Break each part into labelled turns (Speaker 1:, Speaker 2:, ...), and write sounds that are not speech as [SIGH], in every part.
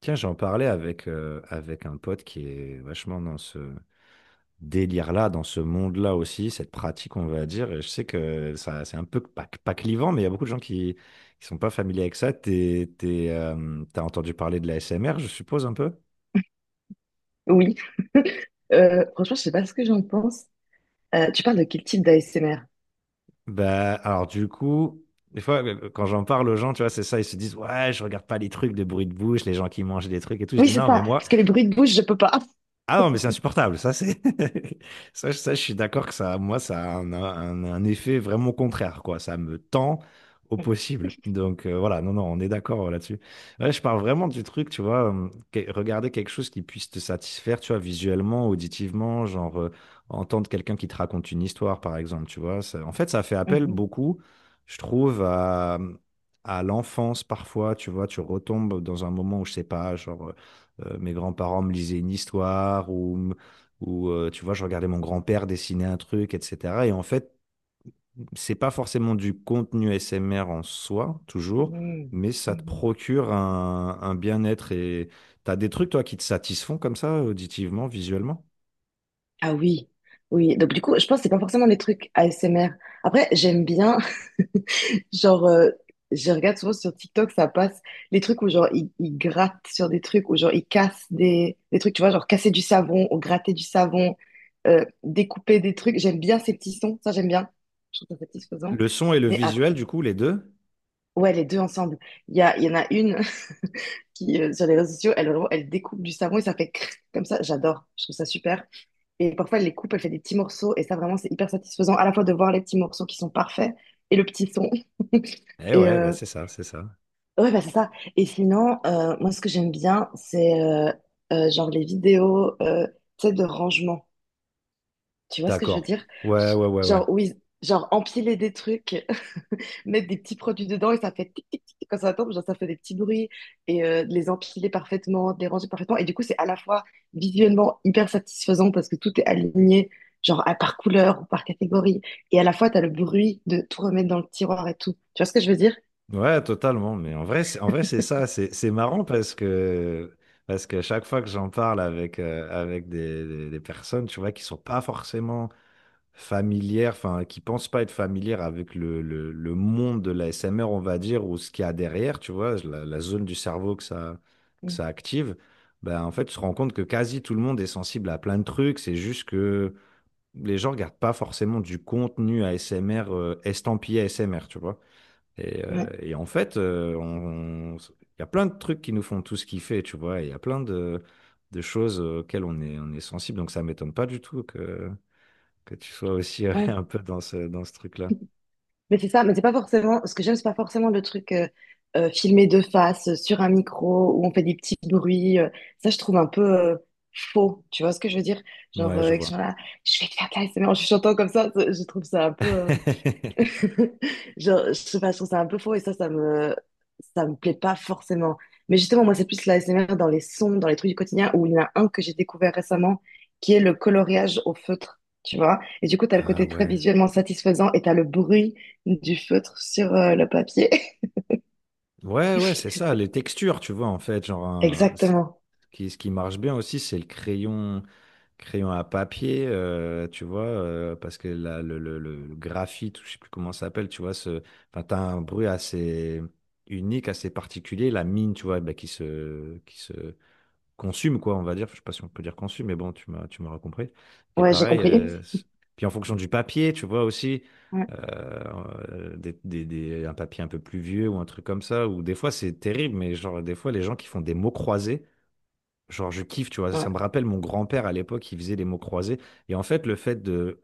Speaker 1: Tiens, j'en parlais avec un pote qui est vachement dans ce délire-là, dans ce monde-là aussi, cette pratique, on va dire. Et je sais que ça, c'est un peu pas clivant, mais il y a beaucoup de gens qui sont pas familiers avec ça. T'as entendu parler de la SMR, je suppose, un peu?
Speaker 2: Oui. [LAUGHS] Franchement, je sais pas ce que j'en pense. Tu parles de quel type d'ASMR?
Speaker 1: Bah, alors du coup, des fois, quand j'en parle aux gens, tu vois, c'est ça, ils se disent, ouais, je regarde pas les trucs de bruit de bouche, les gens qui mangent des trucs et tout. Je
Speaker 2: Oui,
Speaker 1: dis,
Speaker 2: c'est
Speaker 1: non, mais
Speaker 2: ça.
Speaker 1: moi.
Speaker 2: Parce que les bruits de bouche, je peux pas.
Speaker 1: Ah non, mais c'est insupportable. Ça, c'est [LAUGHS] je suis d'accord que ça, moi, ça a un effet vraiment contraire, quoi. Ça me tend au possible.
Speaker 2: [LAUGHS]
Speaker 1: Donc voilà, non, non, on est d'accord, là-dessus. Ouais, je parle vraiment du truc, tu vois, regarder quelque chose qui puisse te satisfaire, tu vois, visuellement, auditivement, genre, entendre quelqu'un qui te raconte une histoire, par exemple, tu vois. En fait, ça fait appel
Speaker 2: Mhm,
Speaker 1: beaucoup, je trouve, à l'enfance parfois, tu vois, tu retombes dans un moment où, je sais pas, genre, mes grands-parents me lisaient une histoire, ou, tu vois, je regardais mon grand-père dessiner un truc, etc. Et en fait, c'est pas forcément du contenu SMR en soi, toujours,
Speaker 2: mhm,
Speaker 1: mais ça te
Speaker 2: mhm.
Speaker 1: procure un bien-être. Et t'as des trucs, toi, qui te satisfont comme ça, auditivement, visuellement?
Speaker 2: Ah oui, oui. Donc du coup, je pense que c'est pas forcément des trucs ASMR. Après, j'aime bien, [LAUGHS] genre, je regarde souvent sur TikTok, ça passe les trucs où genre ils grattent sur des trucs, où genre ils cassent des trucs, tu vois, genre casser du savon ou gratter du savon, découper des trucs. J'aime bien ces petits sons, ça j'aime bien. Je trouve ça satisfaisant.
Speaker 1: Le son et le
Speaker 2: Mais
Speaker 1: visuel,
Speaker 2: après,
Speaker 1: du coup, les deux?
Speaker 2: ouais, les deux ensemble. Il y en a une [LAUGHS] qui, sur les réseaux sociaux, elle découpe du savon et ça fait crrr comme ça. J'adore, je trouve ça super. Et parfois, elle les coupe, elle fait des petits morceaux. Et ça, vraiment, c'est hyper satisfaisant à la fois de voir les petits morceaux qui sont parfaits et le petit son.
Speaker 1: Eh
Speaker 2: Et
Speaker 1: ouais, bah, c'est ça, c'est ça.
Speaker 2: ouais, bah, c'est ça. Et sinon, moi, ce que j'aime bien, c'est genre les vidéos, tu sais, de rangement. Tu vois ce que je veux
Speaker 1: D'accord.
Speaker 2: dire?
Speaker 1: Ouais, ouais, ouais, ouais.
Speaker 2: Genre, oui, genre empiler des trucs. Mettre des petits produits dedans et ça fait tic tic tic quand ça tombe, genre ça fait des petits bruits et de les empiler parfaitement, de les ranger parfaitement. Et du coup, c'est à la fois visuellement hyper satisfaisant parce que tout est aligné, genre par couleur ou par catégorie. Et à la fois, tu as le bruit de tout remettre dans le tiroir et tout. Tu vois ce que je veux dire?
Speaker 1: Ouais, totalement. Mais en vrai, c'est ça. C'est marrant parce que chaque fois que j'en parle avec des personnes, tu vois, qui sont pas forcément familières, enfin, qui pensent pas être familières avec le monde de la SMR, on va dire, ou ce qu'il y a derrière, tu vois, la zone du cerveau que ça, que
Speaker 2: Mm.
Speaker 1: ça active, ben, en fait, tu te rends compte que quasi tout le monde est sensible à plein de trucs. C'est juste que les gens regardent pas forcément du contenu ASMR, estampillé ASMR, tu vois. Et, euh,
Speaker 2: Ouais,
Speaker 1: et en fait, il y a plein de trucs qui nous font tous kiffer, tu vois. Et il y a plein de choses auxquelles on est sensible. Donc ça m'étonne pas du tout que tu sois aussi, [LAUGHS]
Speaker 2: ouais.
Speaker 1: un peu dans ce truc-là.
Speaker 2: Mais c'est ça, mais c'est pas forcément, ce que j'aime, c'est pas forcément le truc filmé de face, sur un micro, où on fait des petits bruits. Ça, je trouve un peu faux. Tu vois ce que je veux dire? Genre,
Speaker 1: Ouais, je
Speaker 2: ils
Speaker 1: vois.
Speaker 2: sont là, je vais te faire de l'ASMR en chuchotant comme ça, je trouve ça un peu.
Speaker 1: [LAUGHS]
Speaker 2: [LAUGHS] Genre, je sais pas, je trouve ça un peu faux et ça, ça me plaît pas forcément. Mais justement, moi, c'est plus la SMR dans les sons, dans les trucs du quotidien, où il y en a un que j'ai découvert récemment, qui est le coloriage au feutre, tu vois. Et du coup, t'as le
Speaker 1: Ah
Speaker 2: côté très
Speaker 1: ouais.
Speaker 2: visuellement satisfaisant et t'as le bruit du feutre sur le papier. [LAUGHS]
Speaker 1: Ouais, ouais, c'est ça. Les textures, tu vois, en fait, genre, ce
Speaker 2: Exactement.
Speaker 1: qui, ce qui marche bien aussi, c'est le crayon. Crayon à papier, tu vois, parce que là, le graphite, ou je sais plus comment ça s'appelle, tu vois, ce, enfin, t'as un bruit assez unique, assez particulier, la mine, tu vois, bah, qui se consume, quoi, on va dire. Je sais pas si on peut dire consume, mais bon, tu m'as, tu m'auras compris. Et
Speaker 2: Ouais, j'ai
Speaker 1: pareil,
Speaker 2: compris.
Speaker 1: puis en fonction du papier, tu vois aussi,
Speaker 2: Ouais,
Speaker 1: un papier un peu plus vieux ou un truc comme ça, ou des fois c'est terrible, mais genre, des fois les gens qui font des mots croisés. Genre, je kiffe, tu vois. Ça
Speaker 2: ouais.
Speaker 1: me rappelle mon grand-père à l'époque, il faisait des mots croisés. Et en fait, le fait de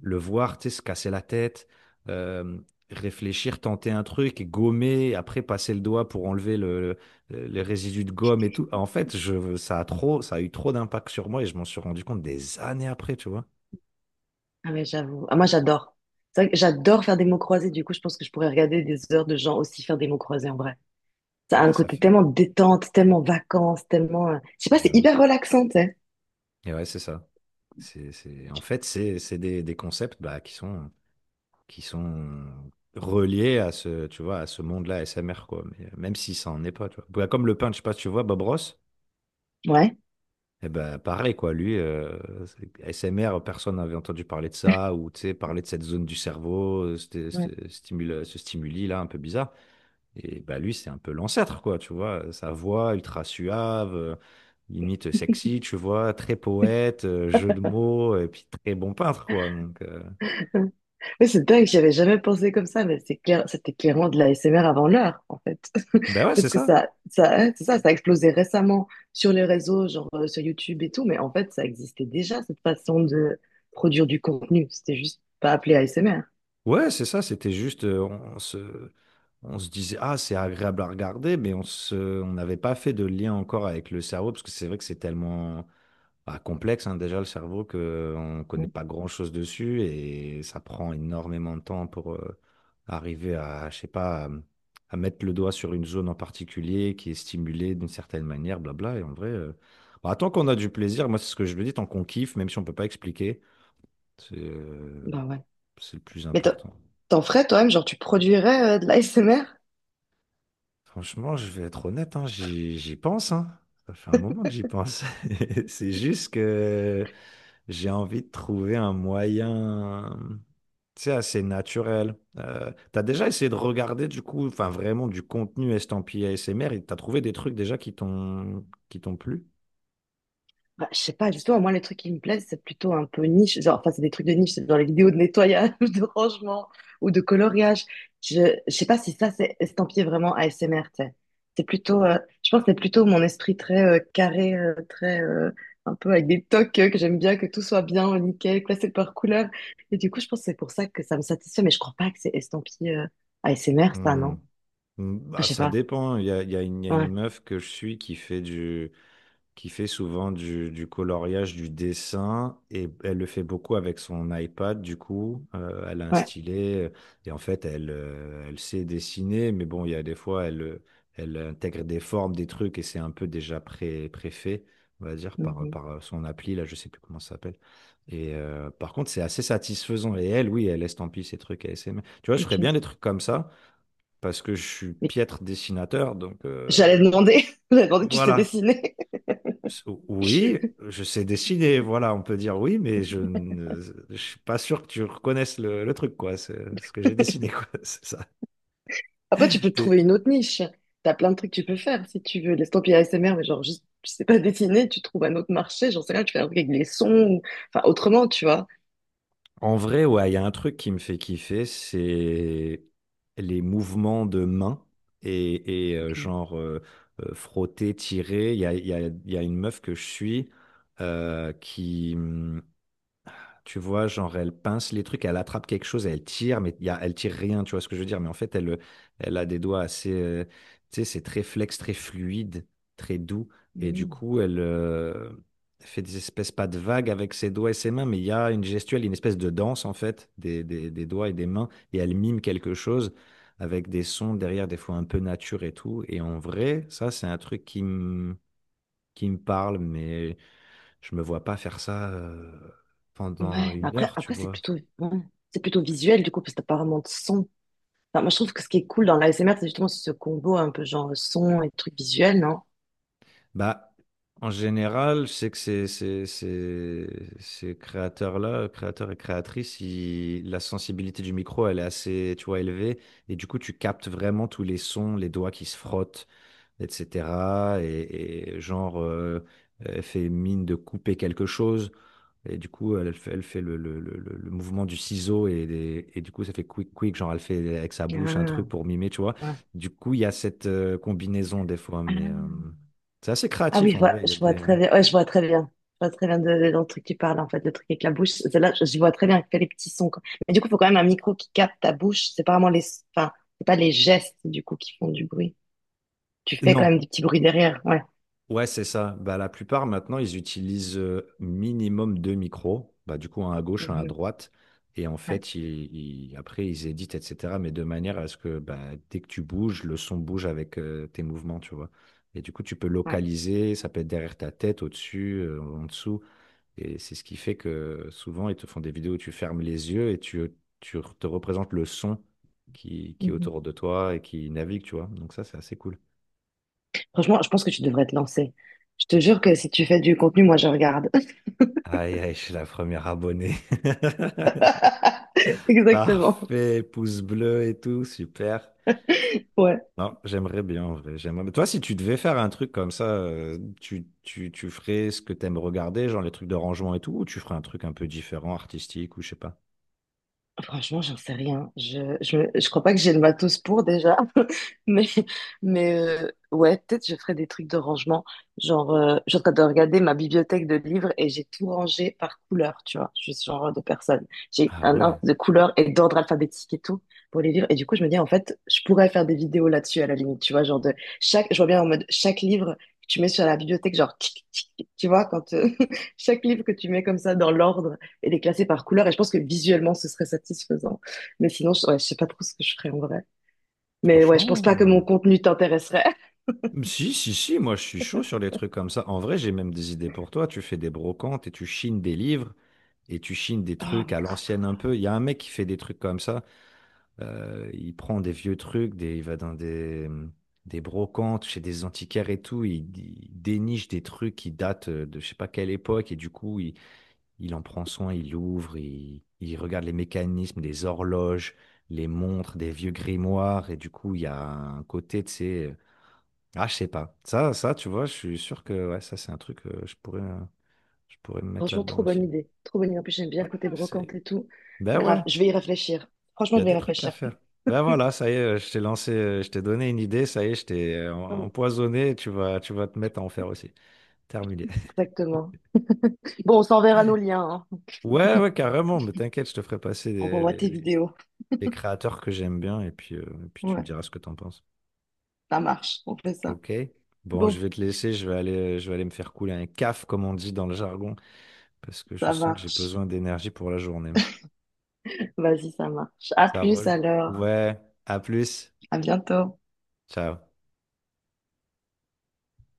Speaker 1: le voir, tu sais, se casser la tête, euh, réfléchir, tenter un truc, et gommer, après passer le doigt pour enlever les résidus de gomme et tout. En fait, ça a eu trop d'impact sur moi et je m'en suis rendu compte des années après, tu vois.
Speaker 2: Ah mais j'avoue. Ah, moi, j'adore. C'est vrai que j'adore faire des mots croisés, du coup, je pense que je pourrais regarder des heures de gens aussi faire des mots croisés en vrai. Ça
Speaker 1: Et
Speaker 2: a
Speaker 1: ouais,
Speaker 2: un
Speaker 1: ça
Speaker 2: côté
Speaker 1: fait
Speaker 2: tellement détente, tellement vacances, tellement, je sais pas,
Speaker 1: de
Speaker 2: c'est
Speaker 1: ouf.
Speaker 2: hyper relaxant, tu sais.
Speaker 1: Et ouais, c'est ça. En fait, c'est des concepts bah, qui sont reliés à ce, tu vois, à ce monde-là SMR, quoi. Mais, même si ça en est pas, tu vois. Bah, comme le peintre, je sais pas si tu vois, Bob Ross,
Speaker 2: Ouais.
Speaker 1: eh ben, pareil, quoi. Lui, SMR, personne n'avait entendu parler de ça, ou, tu sais, parler de cette zone du cerveau,
Speaker 2: Ouais,
Speaker 1: ce stimuli-là un peu bizarre. Et bah, lui, c'est un peu l'ancêtre, quoi, tu vois. Sa voix ultra suave, limite sexy, tu vois, très poète, jeu de mots, et puis très bon peintre, quoi. Donc,
Speaker 2: [LAUGHS] ouais, c'est dingue, j'y avais jamais pensé comme ça, mais c'est clair, c'était clairement de l'ASMR avant l'heure.
Speaker 1: ben ouais, c'est
Speaker 2: Parce que
Speaker 1: ça.
Speaker 2: ça, hein, c'est ça, ça a explosé récemment sur les réseaux, genre sur YouTube et tout, mais en fait, ça existait déjà, cette façon de produire du contenu. C'était juste pas appelé ASMR.
Speaker 1: Ouais, c'est ça, c'était juste, on se, on se disait, ah, c'est agréable à regarder, mais on n'avait pas fait de lien encore avec le cerveau, parce que c'est vrai que c'est tellement bah, complexe, hein, déjà, le cerveau, qu'on ne connaît pas grand-chose dessus, et ça prend énormément de temps pour arriver à, je sais pas, à mettre le doigt sur une zone en particulier qui est stimulée d'une certaine manière, blabla, et en vrai, bah, tant qu'on a du plaisir, moi, c'est ce que je le dis, tant qu'on kiffe, même si on ne peut pas expliquer, c'est euh,
Speaker 2: Bah ouais.
Speaker 1: c'est le plus
Speaker 2: Mais t'en
Speaker 1: important.
Speaker 2: t'en ferais toi-même, genre tu produirais de l'ASMR?
Speaker 1: Franchement, je vais être honnête, hein, j'y pense, hein. Ça fait un moment que j'y pense. [LAUGHS] C'est juste que j'ai envie de trouver un moyen, tu sais, assez naturel. T'as déjà essayé de regarder du coup, enfin vraiment du contenu estampillé ASMR et t'as trouvé des trucs déjà qui t'ont plu?
Speaker 2: Bah, je sais pas, justement, moi, les trucs qui me plaisent, c'est plutôt un peu niche. Genre, enfin, c'est des trucs de niche, c'est dans les vidéos de nettoyage, [LAUGHS] de rangement ou de coloriage. Je, je sais pas si ça, c'est estampillé vraiment ASMR, tu sais. C'est plutôt, je pense que c'est plutôt mon esprit très carré, très, un peu avec des tocs que j'aime bien, que tout soit bien, nickel, classé par couleur. Et du coup, je pense que c'est pour ça que ça me satisfait, mais je crois pas que c'est estampillé ASMR, ça, non?
Speaker 1: Hmm.
Speaker 2: Enfin,
Speaker 1: Hmm,
Speaker 2: je
Speaker 1: bah,
Speaker 2: sais
Speaker 1: ça
Speaker 2: pas.
Speaker 1: dépend, hein. Il y a une, il y a
Speaker 2: Ouais,
Speaker 1: une meuf que je suis qui fait souvent du coloriage, du dessin, et elle le fait beaucoup avec son iPad, du coup. Elle a un
Speaker 2: ouais.
Speaker 1: stylet, et en fait, elle sait dessiner, mais bon, il y a des fois, elle intègre des formes, des trucs, et c'est un peu déjà préfait, on va dire, par,
Speaker 2: Mhm.
Speaker 1: par euh, son appli, là, je sais plus comment ça s'appelle. Et par contre, c'est assez satisfaisant, et elle, oui, elle estampille ses trucs à SM. Tu vois, je ferais
Speaker 2: Ok.
Speaker 1: bien des trucs comme ça, parce que je suis
Speaker 2: Mais
Speaker 1: piètre dessinateur, donc,
Speaker 2: J'allais demander, [LAUGHS] j'allais demander, tu sais
Speaker 1: voilà,
Speaker 2: dessiner.
Speaker 1: oui, je sais dessiner, voilà, on peut dire oui, mais je suis pas sûr que tu reconnaisses le truc, quoi. C'est ce que j'ai dessiné, quoi. [LAUGHS] C'est ça.
Speaker 2: Après, tu peux te
Speaker 1: T'es-
Speaker 2: trouver une autre niche. T'as plein de trucs que tu peux faire si tu veux. Laisse tomber ASMR, mais genre juste, tu sais pas dessiner, tu trouves un autre marché, j'en sais rien, tu fais un truc avec les sons, ou, enfin, autrement, tu vois.
Speaker 1: En vrai, ouais, il y a un truc qui me fait kiffer, c'est les mouvements de main et, et, euh,
Speaker 2: Ok.
Speaker 1: genre euh, euh, frotter, tirer. Il y a, il y a une meuf que je suis, qui. Tu vois, genre, elle pince les trucs, elle attrape quelque chose, elle tire, mais elle tire rien, tu vois ce que je veux dire. Mais en fait, elle a des doigts assez, tu sais, c'est très flex, très fluide, très doux. Et du
Speaker 2: Mm.
Speaker 1: coup, elle, fait des espèces pas de vagues avec ses doigts et ses mains, mais il y a une gestuelle, une espèce de danse, en fait, des doigts et des mains. Et elle mime quelque chose avec des sons derrière, des fois un peu nature et tout. Et en vrai, ça, c'est un truc qui me parle, mais. Je me vois pas faire ça, pendant
Speaker 2: Ouais, mais
Speaker 1: une
Speaker 2: après,
Speaker 1: heure, tu
Speaker 2: après c'est
Speaker 1: vois.
Speaker 2: plutôt, ouais, c'est plutôt visuel du coup, parce que t'as pas vraiment de son. Enfin, moi, je trouve que ce qui est cool dans l'ASMR, c'est justement ce combo un peu genre son et truc visuel, non?
Speaker 1: Bah, en général, je sais que ces créateurs-là, créateurs et créatrices, la sensibilité du micro, elle est assez, tu vois, élevée. Et du coup, tu captes vraiment tous les sons, les doigts qui se frottent, etc. Et genre, fait mine de couper quelque chose. Et du coup, elle fait le mouvement du ciseau et du coup, ça fait quick, quick, genre elle fait avec sa bouche un
Speaker 2: Ah,
Speaker 1: truc pour mimer, tu vois.
Speaker 2: ouais.
Speaker 1: Du coup, il y a cette, combinaison des fois, mais,
Speaker 2: Ah.
Speaker 1: c'est assez
Speaker 2: Ah oui,
Speaker 1: créatif en vrai. Il y a
Speaker 2: je vois
Speaker 1: des...
Speaker 2: très bien. Ouais, je vois très bien. Je vois très bien de, dans le truc qui parle, en fait, le truc avec la bouche. Celle-là, je vois très bien, elle fait les petits sons, quoi. Mais du coup, il faut quand même un micro qui capte ta bouche. C'est pas vraiment enfin, c'est pas les gestes, du coup, qui font du bruit. Tu fais quand
Speaker 1: Non,
Speaker 2: même des petits bruits derrière. Ouais.
Speaker 1: ouais, c'est ça. Bah, la plupart maintenant, ils utilisent, minimum deux micros. Bah, du coup, un à gauche, un à
Speaker 2: Mhm.
Speaker 1: droite. Et en
Speaker 2: Ouais.
Speaker 1: fait, après, ils éditent, etc. Mais de manière à ce que bah, dès que tu bouges, le son bouge avec, tes mouvements, tu vois. Et du coup, tu peux
Speaker 2: Ouais.
Speaker 1: localiser, ça peut être derrière ta tête, au-dessus, en dessous. Et c'est ce qui fait que souvent, ils te font des vidéos où tu fermes les yeux et tu te représentes le son qui est
Speaker 2: Mhm.
Speaker 1: autour de toi et qui navigue, tu vois. Donc ça, c'est assez cool.
Speaker 2: Franchement, je pense que tu devrais te lancer. Je te jure que si tu fais du contenu, moi, je regarde.
Speaker 1: Aïe, aïe, je suis la première abonnée. [LAUGHS]
Speaker 2: [LAUGHS] Exactement.
Speaker 1: Parfait, pouce bleu et tout, super.
Speaker 2: Ouais.
Speaker 1: Non, j'aimerais bien en vrai. J'aimerais, mais toi, si tu devais faire un truc comme ça, tu ferais ce que t'aimes regarder, genre les trucs de rangement et tout, ou tu ferais un truc un peu différent, artistique ou je sais pas?
Speaker 2: Franchement, j'en sais rien. Je crois pas que j'ai le matos pour déjà. [LAUGHS] Mais, mais, ouais, peut-être je ferai des trucs de rangement. Genre, je suis en train de regarder ma bibliothèque de livres et j'ai tout rangé par couleur, tu vois. Je suis ce genre de personne. J'ai
Speaker 1: Ah
Speaker 2: un
Speaker 1: ouais,
Speaker 2: ordre de couleur et d'ordre alphabétique et tout pour les livres. Et du coup, je me dis, en fait, je pourrais faire des vidéos là-dessus à la limite, tu vois. Genre, je vois bien en mode chaque livre que tu mets sur la bibliothèque, genre, tic, tic, tic, tu vois, quand [LAUGHS] chaque livre que tu mets comme ça dans l'ordre et les classer par couleur. Et je pense que visuellement, ce serait satisfaisant. Mais sinon, ouais, je sais pas trop ce que je ferais en vrai. Mais ouais, je pense pas que mon
Speaker 1: franchement.
Speaker 2: contenu t'intéresserait. [LAUGHS]
Speaker 1: Si, si, si, moi je suis chaud sur les trucs comme ça. En vrai, j'ai même des idées pour toi. Tu fais des brocantes et tu chines des livres et tu chines des
Speaker 2: Oh,
Speaker 1: trucs
Speaker 2: mais
Speaker 1: à
Speaker 2: grave.
Speaker 1: l'ancienne un peu. Il y a un mec qui fait des trucs comme ça. Il prend des vieux trucs, il va dans des brocantes, chez des antiquaires et tout. Il déniche des trucs qui datent, de je sais pas quelle époque et du coup, il en prend soin, il l'ouvre, il regarde les mécanismes, les horloges, les montres, des vieux grimoires et du coup, il y a un côté, tu sais, je sais pas. Tu vois, je suis sûr que ouais, ça, c'est un truc, je pourrais me mettre
Speaker 2: Franchement,
Speaker 1: là-dedans
Speaker 2: trop
Speaker 1: aussi.
Speaker 2: bonne idée. Trop bonne idée. En plus, j'aime bien le côté
Speaker 1: Ah, c'est...
Speaker 2: brocante et tout.
Speaker 1: Ben
Speaker 2: Grave,
Speaker 1: ouais.
Speaker 2: je vais y réfléchir.
Speaker 1: Il
Speaker 2: Franchement,
Speaker 1: y a
Speaker 2: je vais y
Speaker 1: des trucs à
Speaker 2: réfléchir.
Speaker 1: faire. Ben voilà, ça y est, je t'ai lancé, je t'ai donné une idée, ça y est, je t'ai,
Speaker 2: Ouais,
Speaker 1: empoisonné, tu vas te mettre à en faire aussi. Terminé. [LAUGHS]
Speaker 2: exactement. Bon, on s'enverra nos liens, hein.
Speaker 1: Ouais, ouais, carrément, mais t'inquiète, je te ferai passer les,
Speaker 2: Envoie-moi
Speaker 1: les-
Speaker 2: tes
Speaker 1: les-
Speaker 2: vidéos.
Speaker 1: les créateurs que j'aime bien, et puis tu me
Speaker 2: Ouais,
Speaker 1: diras ce que t'en penses.
Speaker 2: ça marche. On fait ça.
Speaker 1: Ok? Bon, je
Speaker 2: Bon,
Speaker 1: vais te laisser, je vais aller me faire couler un caf, comme on dit dans le jargon, parce que je
Speaker 2: ça
Speaker 1: sens que j'ai
Speaker 2: marche.
Speaker 1: besoin d'énergie pour la journée.
Speaker 2: Vas-y, ça marche. À
Speaker 1: Ça
Speaker 2: plus
Speaker 1: roule?
Speaker 2: alors.
Speaker 1: Ouais, à plus.
Speaker 2: À bientôt.
Speaker 1: Ciao.